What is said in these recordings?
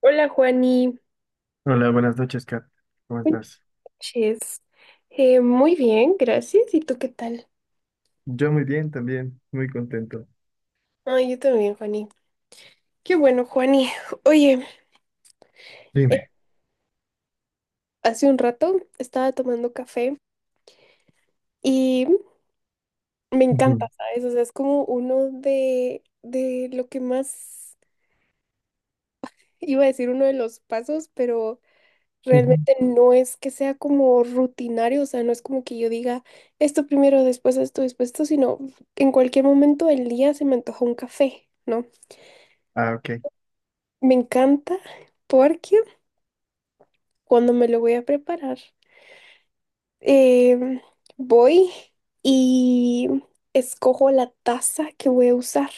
Hola, Juani. Hola, buenas noches, Kat. ¿Cómo Buenas estás? noches. Muy bien, gracias. ¿Y tú qué tal? Yo muy bien también, muy contento. Ay, yo también, Juani. Qué bueno, Juani. Oye, eh, Dime. hace un rato estaba tomando café y me Ujú, encanta, ¿sabes? O sea, es como uno de lo que más, iba a decir uno de los pasos, pero ujú. realmente no es que sea como rutinario, o sea, no es como que yo diga esto primero, después esto, sino en cualquier momento del día se me antoja un café, ¿no? Ah, ok. Me encanta porque cuando me lo voy a preparar, em, voy y escojo la taza que voy a usar.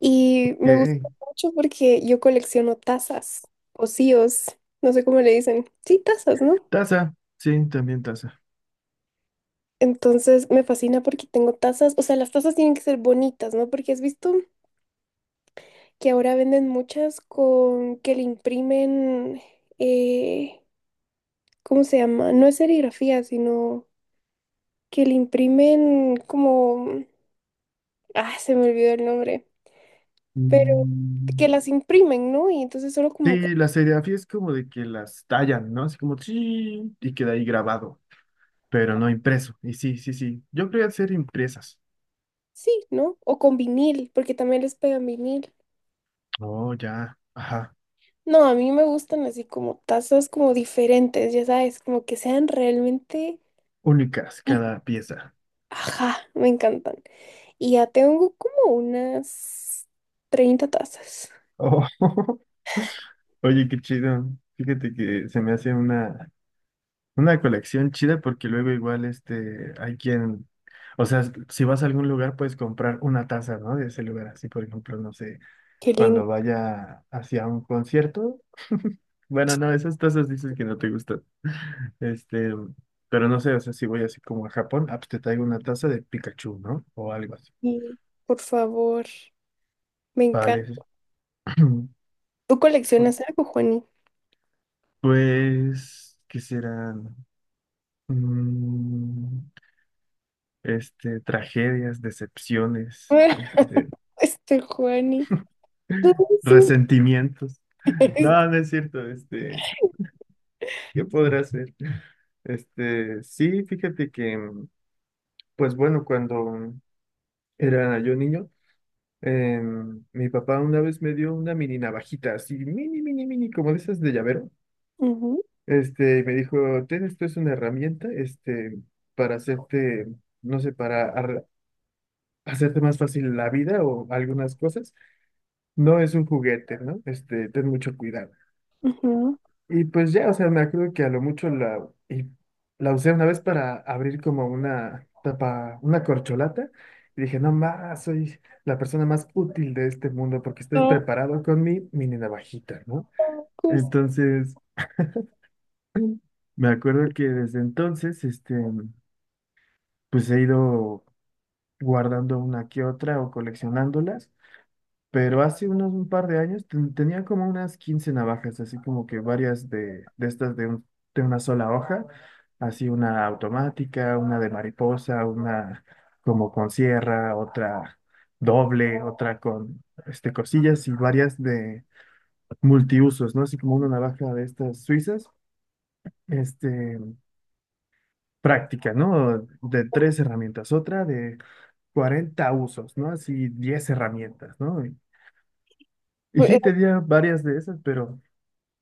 Y me gusta Eh, mucho porque yo colecciono tazas, pocillos, no sé cómo le dicen. Sí, tazas, ¿no? Taza. Sí, también taza. Entonces me fascina porque tengo tazas, o sea, las tazas tienen que ser bonitas, ¿no? Porque has visto que ahora venden muchas con que le imprimen, eh, ¿cómo se llama? No es serigrafía, sino... que le imprimen como, ah, se me olvidó el nombre, pero que Mm, las imprimen, ¿no? Y entonces solo como que Sí, la serigrafía es como de que las tallan, ¿no? Así como, sí, y queda ahí grabado, pero no impreso. Y sí, sí, sí. Yo quería hacer impresas. sí, ¿no? O con vinil, porque también les pegan vinil. Oh, ya. Ajá. No, a mí me gustan así como tazas como diferentes, ya sabes, como que sean realmente, Únicas sí, cada pieza. ajá, me encantan. Y ya tengo como unas 30 tazas. Oh, oye, qué chido. Fíjate que se me hace una. Una colección chida porque luego igual este, hay quien, o sea, si vas a algún lugar puedes comprar una taza, ¿no? De ese lugar, así por ejemplo, no sé, Qué lindo. cuando vaya hacia un concierto, bueno, no, esas tazas dices que no te gustan, este, pero no sé, o sea, si voy así como a Japón, ah, pues te traigo una taza de Pikachu, ¿no? O algo así. Sí, por favor, me encanta. Vale. ¿Tú coleccionas algo, Juani? Pues, ¿qué serán? Mm, este, tragedias, decepciones, este... Este Juani. No, Resentimientos. No, no es cierto. Este, ¿qué podrá hacer? Este, sí, fíjate que, pues bueno, cuando era yo niño, eh, mi papá una vez me dio una mini navajita, así, mini, mini, mini, como de esas de llavero. ujú, Este, y me dijo, ten, esto es una herramienta, este, para hacerte, no sé, para hacerte más fácil la vida o algunas cosas. No es un juguete, ¿no? Este, ten mucho cuidado. ujú. Y pues ya, o sea, me acuerdo que a lo mucho y la usé una vez para abrir como una tapa, una corcholata, y dije, no más, soy la persona más útil de este mundo porque estoy No, preparado con mi mini navajita, ¿no? curso. Entonces, me acuerdo que desde entonces, este, pues he ido guardando una que otra o coleccionándolas. Pero hace unos un par de años tenía como unas 15 navajas, así como que varias de estas de una sola hoja, así una automática, una de mariposa, una como con sierra, otra doble, otra con este, cosillas y varias de multiusos, ¿no? Así como una navaja de estas suizas, este, práctica, ¿no? De tres herramientas, otra de 40 usos, ¿no? Así 10 herramientas, ¿no? Y Fue- sí tenía varias de esas, pero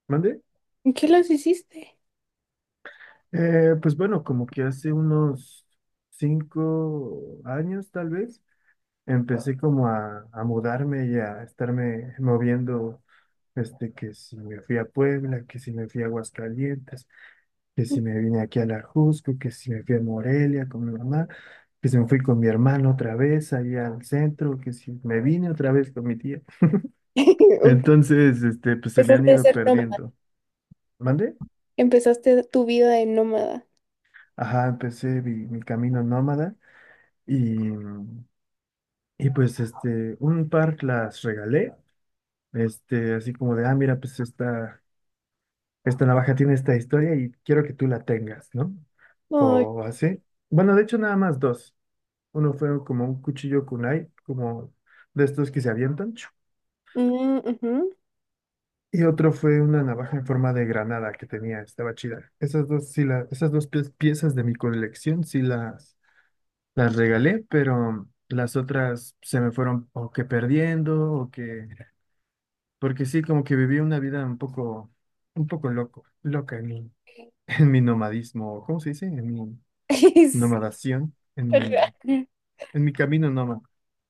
¿mande? ¿En qué las hiciste? Pues bueno, como que hace unos 5 años tal vez, empecé como a mudarme y a estarme moviendo, este, que si me fui a Puebla, que si me fui a Aguascalientes, que si me vine aquí a La Jusco, que si me fui a Morelia con mi mamá, que si me fui con mi hermano otra vez allá al centro, que si me vine otra vez con mi tía. Entonces, este, pues se me han Empezaste a ido ser nómada, perdiendo. ¿Mande? empezaste tu vida de nómada. Ajá, empecé mi camino nómada. Y, Y pues este, un par las regalé, este, así como de, ah, mira, pues esta navaja tiene esta historia y quiero que tú la tengas, ¿no? Ay, O así. Bueno, de hecho nada más dos. Uno fue como un cuchillo kunai, como de estos que se avientan, chu. mm, ujú. Y otro fue una navaja en forma de granada que tenía, estaba chida. Esas dos, sí la, esas dos piezas de mi colección sí las regalé, pero las otras se me fueron o que perdiendo o que porque sí, como que viví una vida un poco loca en mi, en mi nomadismo, ¿cómo se dice? En mi Es nomadación, raro. en mi camino nómada.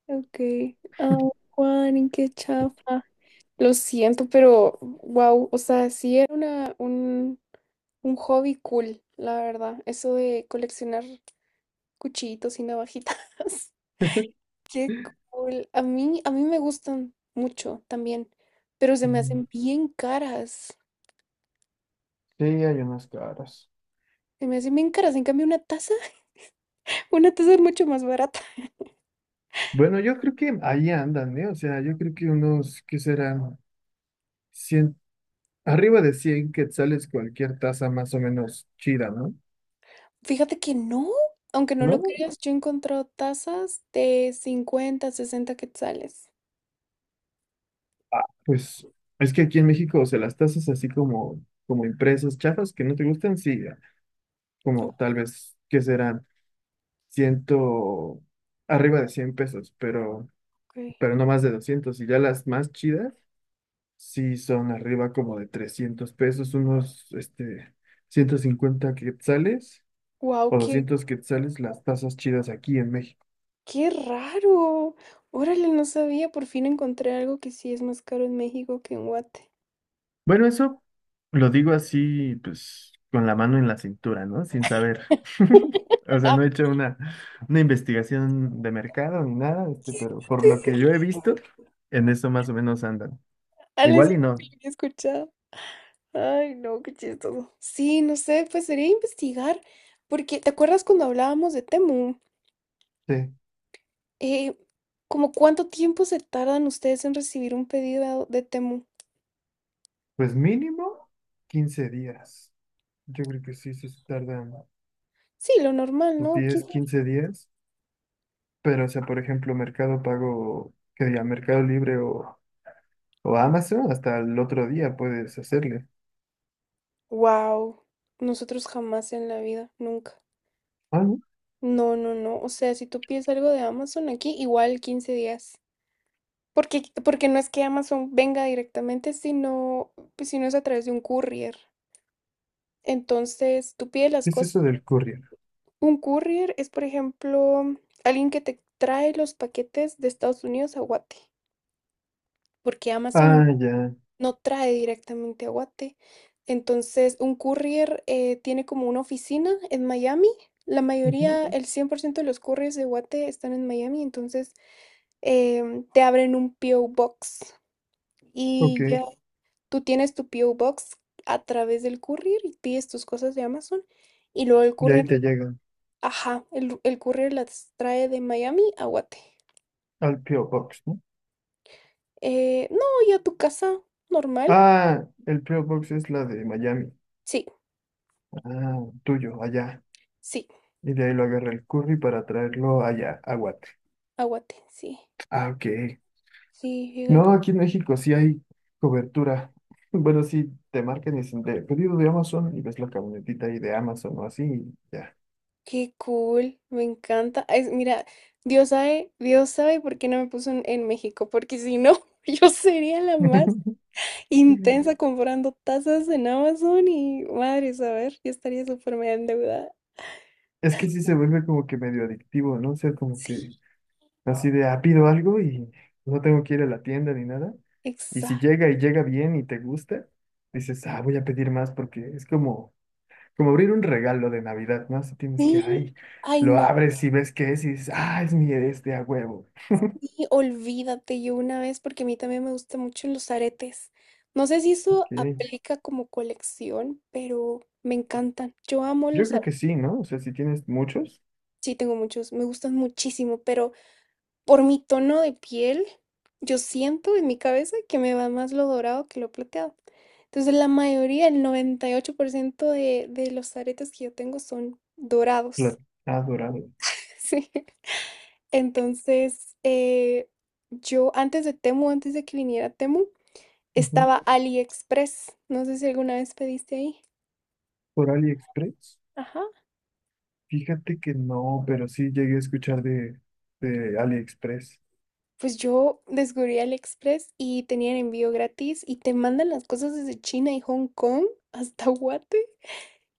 Ok. Ah, Juan, qué chafa. Lo siento, pero wow, o sea, sí era un hobby cool, la verdad. Eso de coleccionar cuchillitos y navajitas. Qué cool. A mí me gustan mucho también, pero se me Ujú. hacen bien caras. Sí, hay unas caras. Se me hacen bien caras. En cambio, una taza, una taza es mucho más barata. Bueno, yo creo que ahí andan, ¿eh? O sea, yo creo que unos, ¿qué serán? 100 arriba de 100 quetzales cualquier taza más o menos chida, ¿no? Fíjate que no, aunque no lo ¿No? creas, yo he encontrado tazas de 50, 60 quetzales. Pues es que aquí en México, o sea, las tazas así como, como impresas, chafas que no te gustan, sí, como tal vez, ¿qué serán? ciento, arriba de 100 pesos, Ok. pero no más de 200. Y ya las más chidas, sí son arriba como de 300 pesos, unos, este, 150 quetzales Wow, o 200 quetzales las tazas chidas aquí en México. qué raro. Órale, no sabía. Por fin encontré algo que sí es más caro en México que en Guate. Bueno, eso lo digo así, pues, con la mano en la cintura, ¿no? Sin saber. O sea, Ah, no he hecho una investigación de mercado ni nada, este, pero por lo sí. que yo he visto, en eso más o menos andan. Ale, eso Igual y nunca no. lo había escuchado. Ay, no, qué chistoso. Sí, no sé, pues sería investigar, porque ¿te acuerdas cuando hablábamos de Temu? Sí. Eh, ¿Como cuánto tiempo se tardan ustedes en recibir un pedido de Temu? Pues mínimo 15 días. Yo creo que sí, sí se tardan Sí, lo normal, los ¿no? 10 15 días. Pero, o sea, por ejemplo, Mercado Pago, que diga Mercado Libre o Amazon, hasta el otro día puedes hacerle. Wow, nosotros jamás en la vida, nunca. Ah, ¿no? No, no, no. O sea, si tú pides algo de Amazon aquí, igual 15 días. Porque no es que Amazon venga directamente, sino, pues, sino es a través de un courier. Entonces, tú pides las ¿Qué es cosas. eso del courier? Un courier es, por ejemplo, alguien que te trae los paquetes de Estados Unidos a Guate, porque Ah, Amazon ya. no trae directamente a Guate. Entonces, un courier tiene como una oficina en Miami. La Ujú. mayoría, ujú, el 100% de los couriers de Guate están en Miami, entonces te abren un PO Box y Ok. ya. Tú tienes tu P.O. Box a través del courier y pides tus cosas de Amazon y luego el Y ahí courier, te llegan ajá, el courier las trae de Miami a Guate. al P.O. Box, ¿no? No, y a tu casa normal. Ah, el P.O. Box es la de Miami. Sí, Ah, tuyo, allá. sí, Y de ahí lo agarra el curry para traerlo allá, a Guate. a sí. Ah, ok. Sí, fíjate. No, aquí en México sí hay cobertura. Bueno, sí, te marcan y dicen de pedido de Amazon y ves la camionetita ahí de Amazon o así y ya. Qué cool, me encanta. Es, mira, Dios sabe por qué no me puso en México, porque si no, yo sería la más intensa comprando tazas en Amazon y madre, saber, yo estaría súper mega endeudada. Es que sí se vuelve como que medio adictivo, ¿no? O sea, como que Sí, así de, ah, pido algo y no tengo que ir a la tienda ni nada. Y si exacto. llega y llega bien y te gusta, dices, ah, voy a pedir más porque es como, como abrir un regalo de Navidad, ¿no? Así tienes que, Sí, ay, ay lo no, abres y ves qué es y dices, ah, es mi este a huevo. sí, olvídate, yo una vez, porque a mí también me gustan mucho los aretes. No sé si eso Ok. aplica como colección, pero me encantan. Yo amo Yo los creo aretes. que sí, ¿no? O sea, si tienes muchos, Sí, tengo muchos, me gustan muchísimo, pero por mi tono de piel, yo siento en mi cabeza que me va más lo dorado que lo plateado. Entonces, la mayoría, el 98% de los aretes que yo tengo son dorados. plat- ah, dorado. Sí. Entonces, yo antes de Temu, antes de que viniera Temu, Ujú. estaba AliExpress. No sé si alguna vez pediste ahí. Por AliExpress. Ajá. Fíjate que no, pero sí llegué a escuchar de AliExpress. Pues yo descubrí AliExpress y tenían envío gratis y te mandan las cosas desde China y Hong Kong hasta Guate.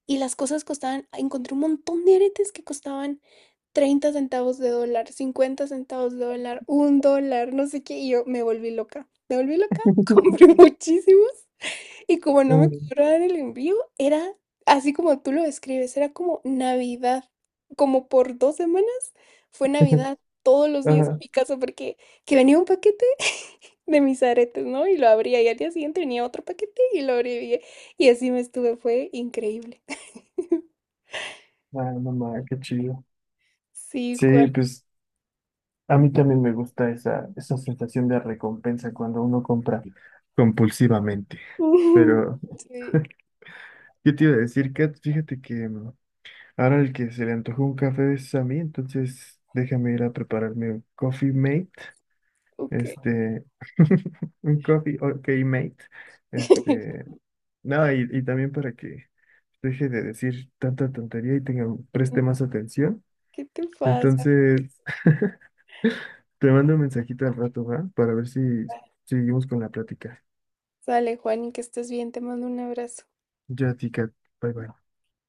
Y las cosas costaban, encontré un montón de aretes que costaban $0.30, $0.50, $1, no sé qué. Y yo me volví loca. Me volví loca, compré muchísimos. Y como no me Ah, cobraban el envío, era así como tú lo describes, era como Navidad. Como por 2 semanas fue Navidad todos los días en ajá. mi casa porque que venía un paquete de mis aretes, ¿no? Y lo abría y al día siguiente venía otro paquete y lo abría y así me estuve, fue increíble. Ah, no ma, qué chido. Sí, Sí, Juan. pues a mí también me gusta esa sensación de recompensa cuando uno compra compulsivamente. Pero Sí, yo te iba a decir, Kat, fíjate que ahora el que se le antojó un café es a mí, entonces déjame ir a prepararme un Coffee Mate. ok. Este, un coffee, ok, mate. Este, no, y también para que deje de decir tanta tontería y tenga, preste más atención. ¿Qué te pasa? Entonces, te mando un mensajito al rato, ¿va? Para ver si seguimos con la plática. Sale, Juan, y que estés bien, te mando un abrazo. Ya, tica, bye bye.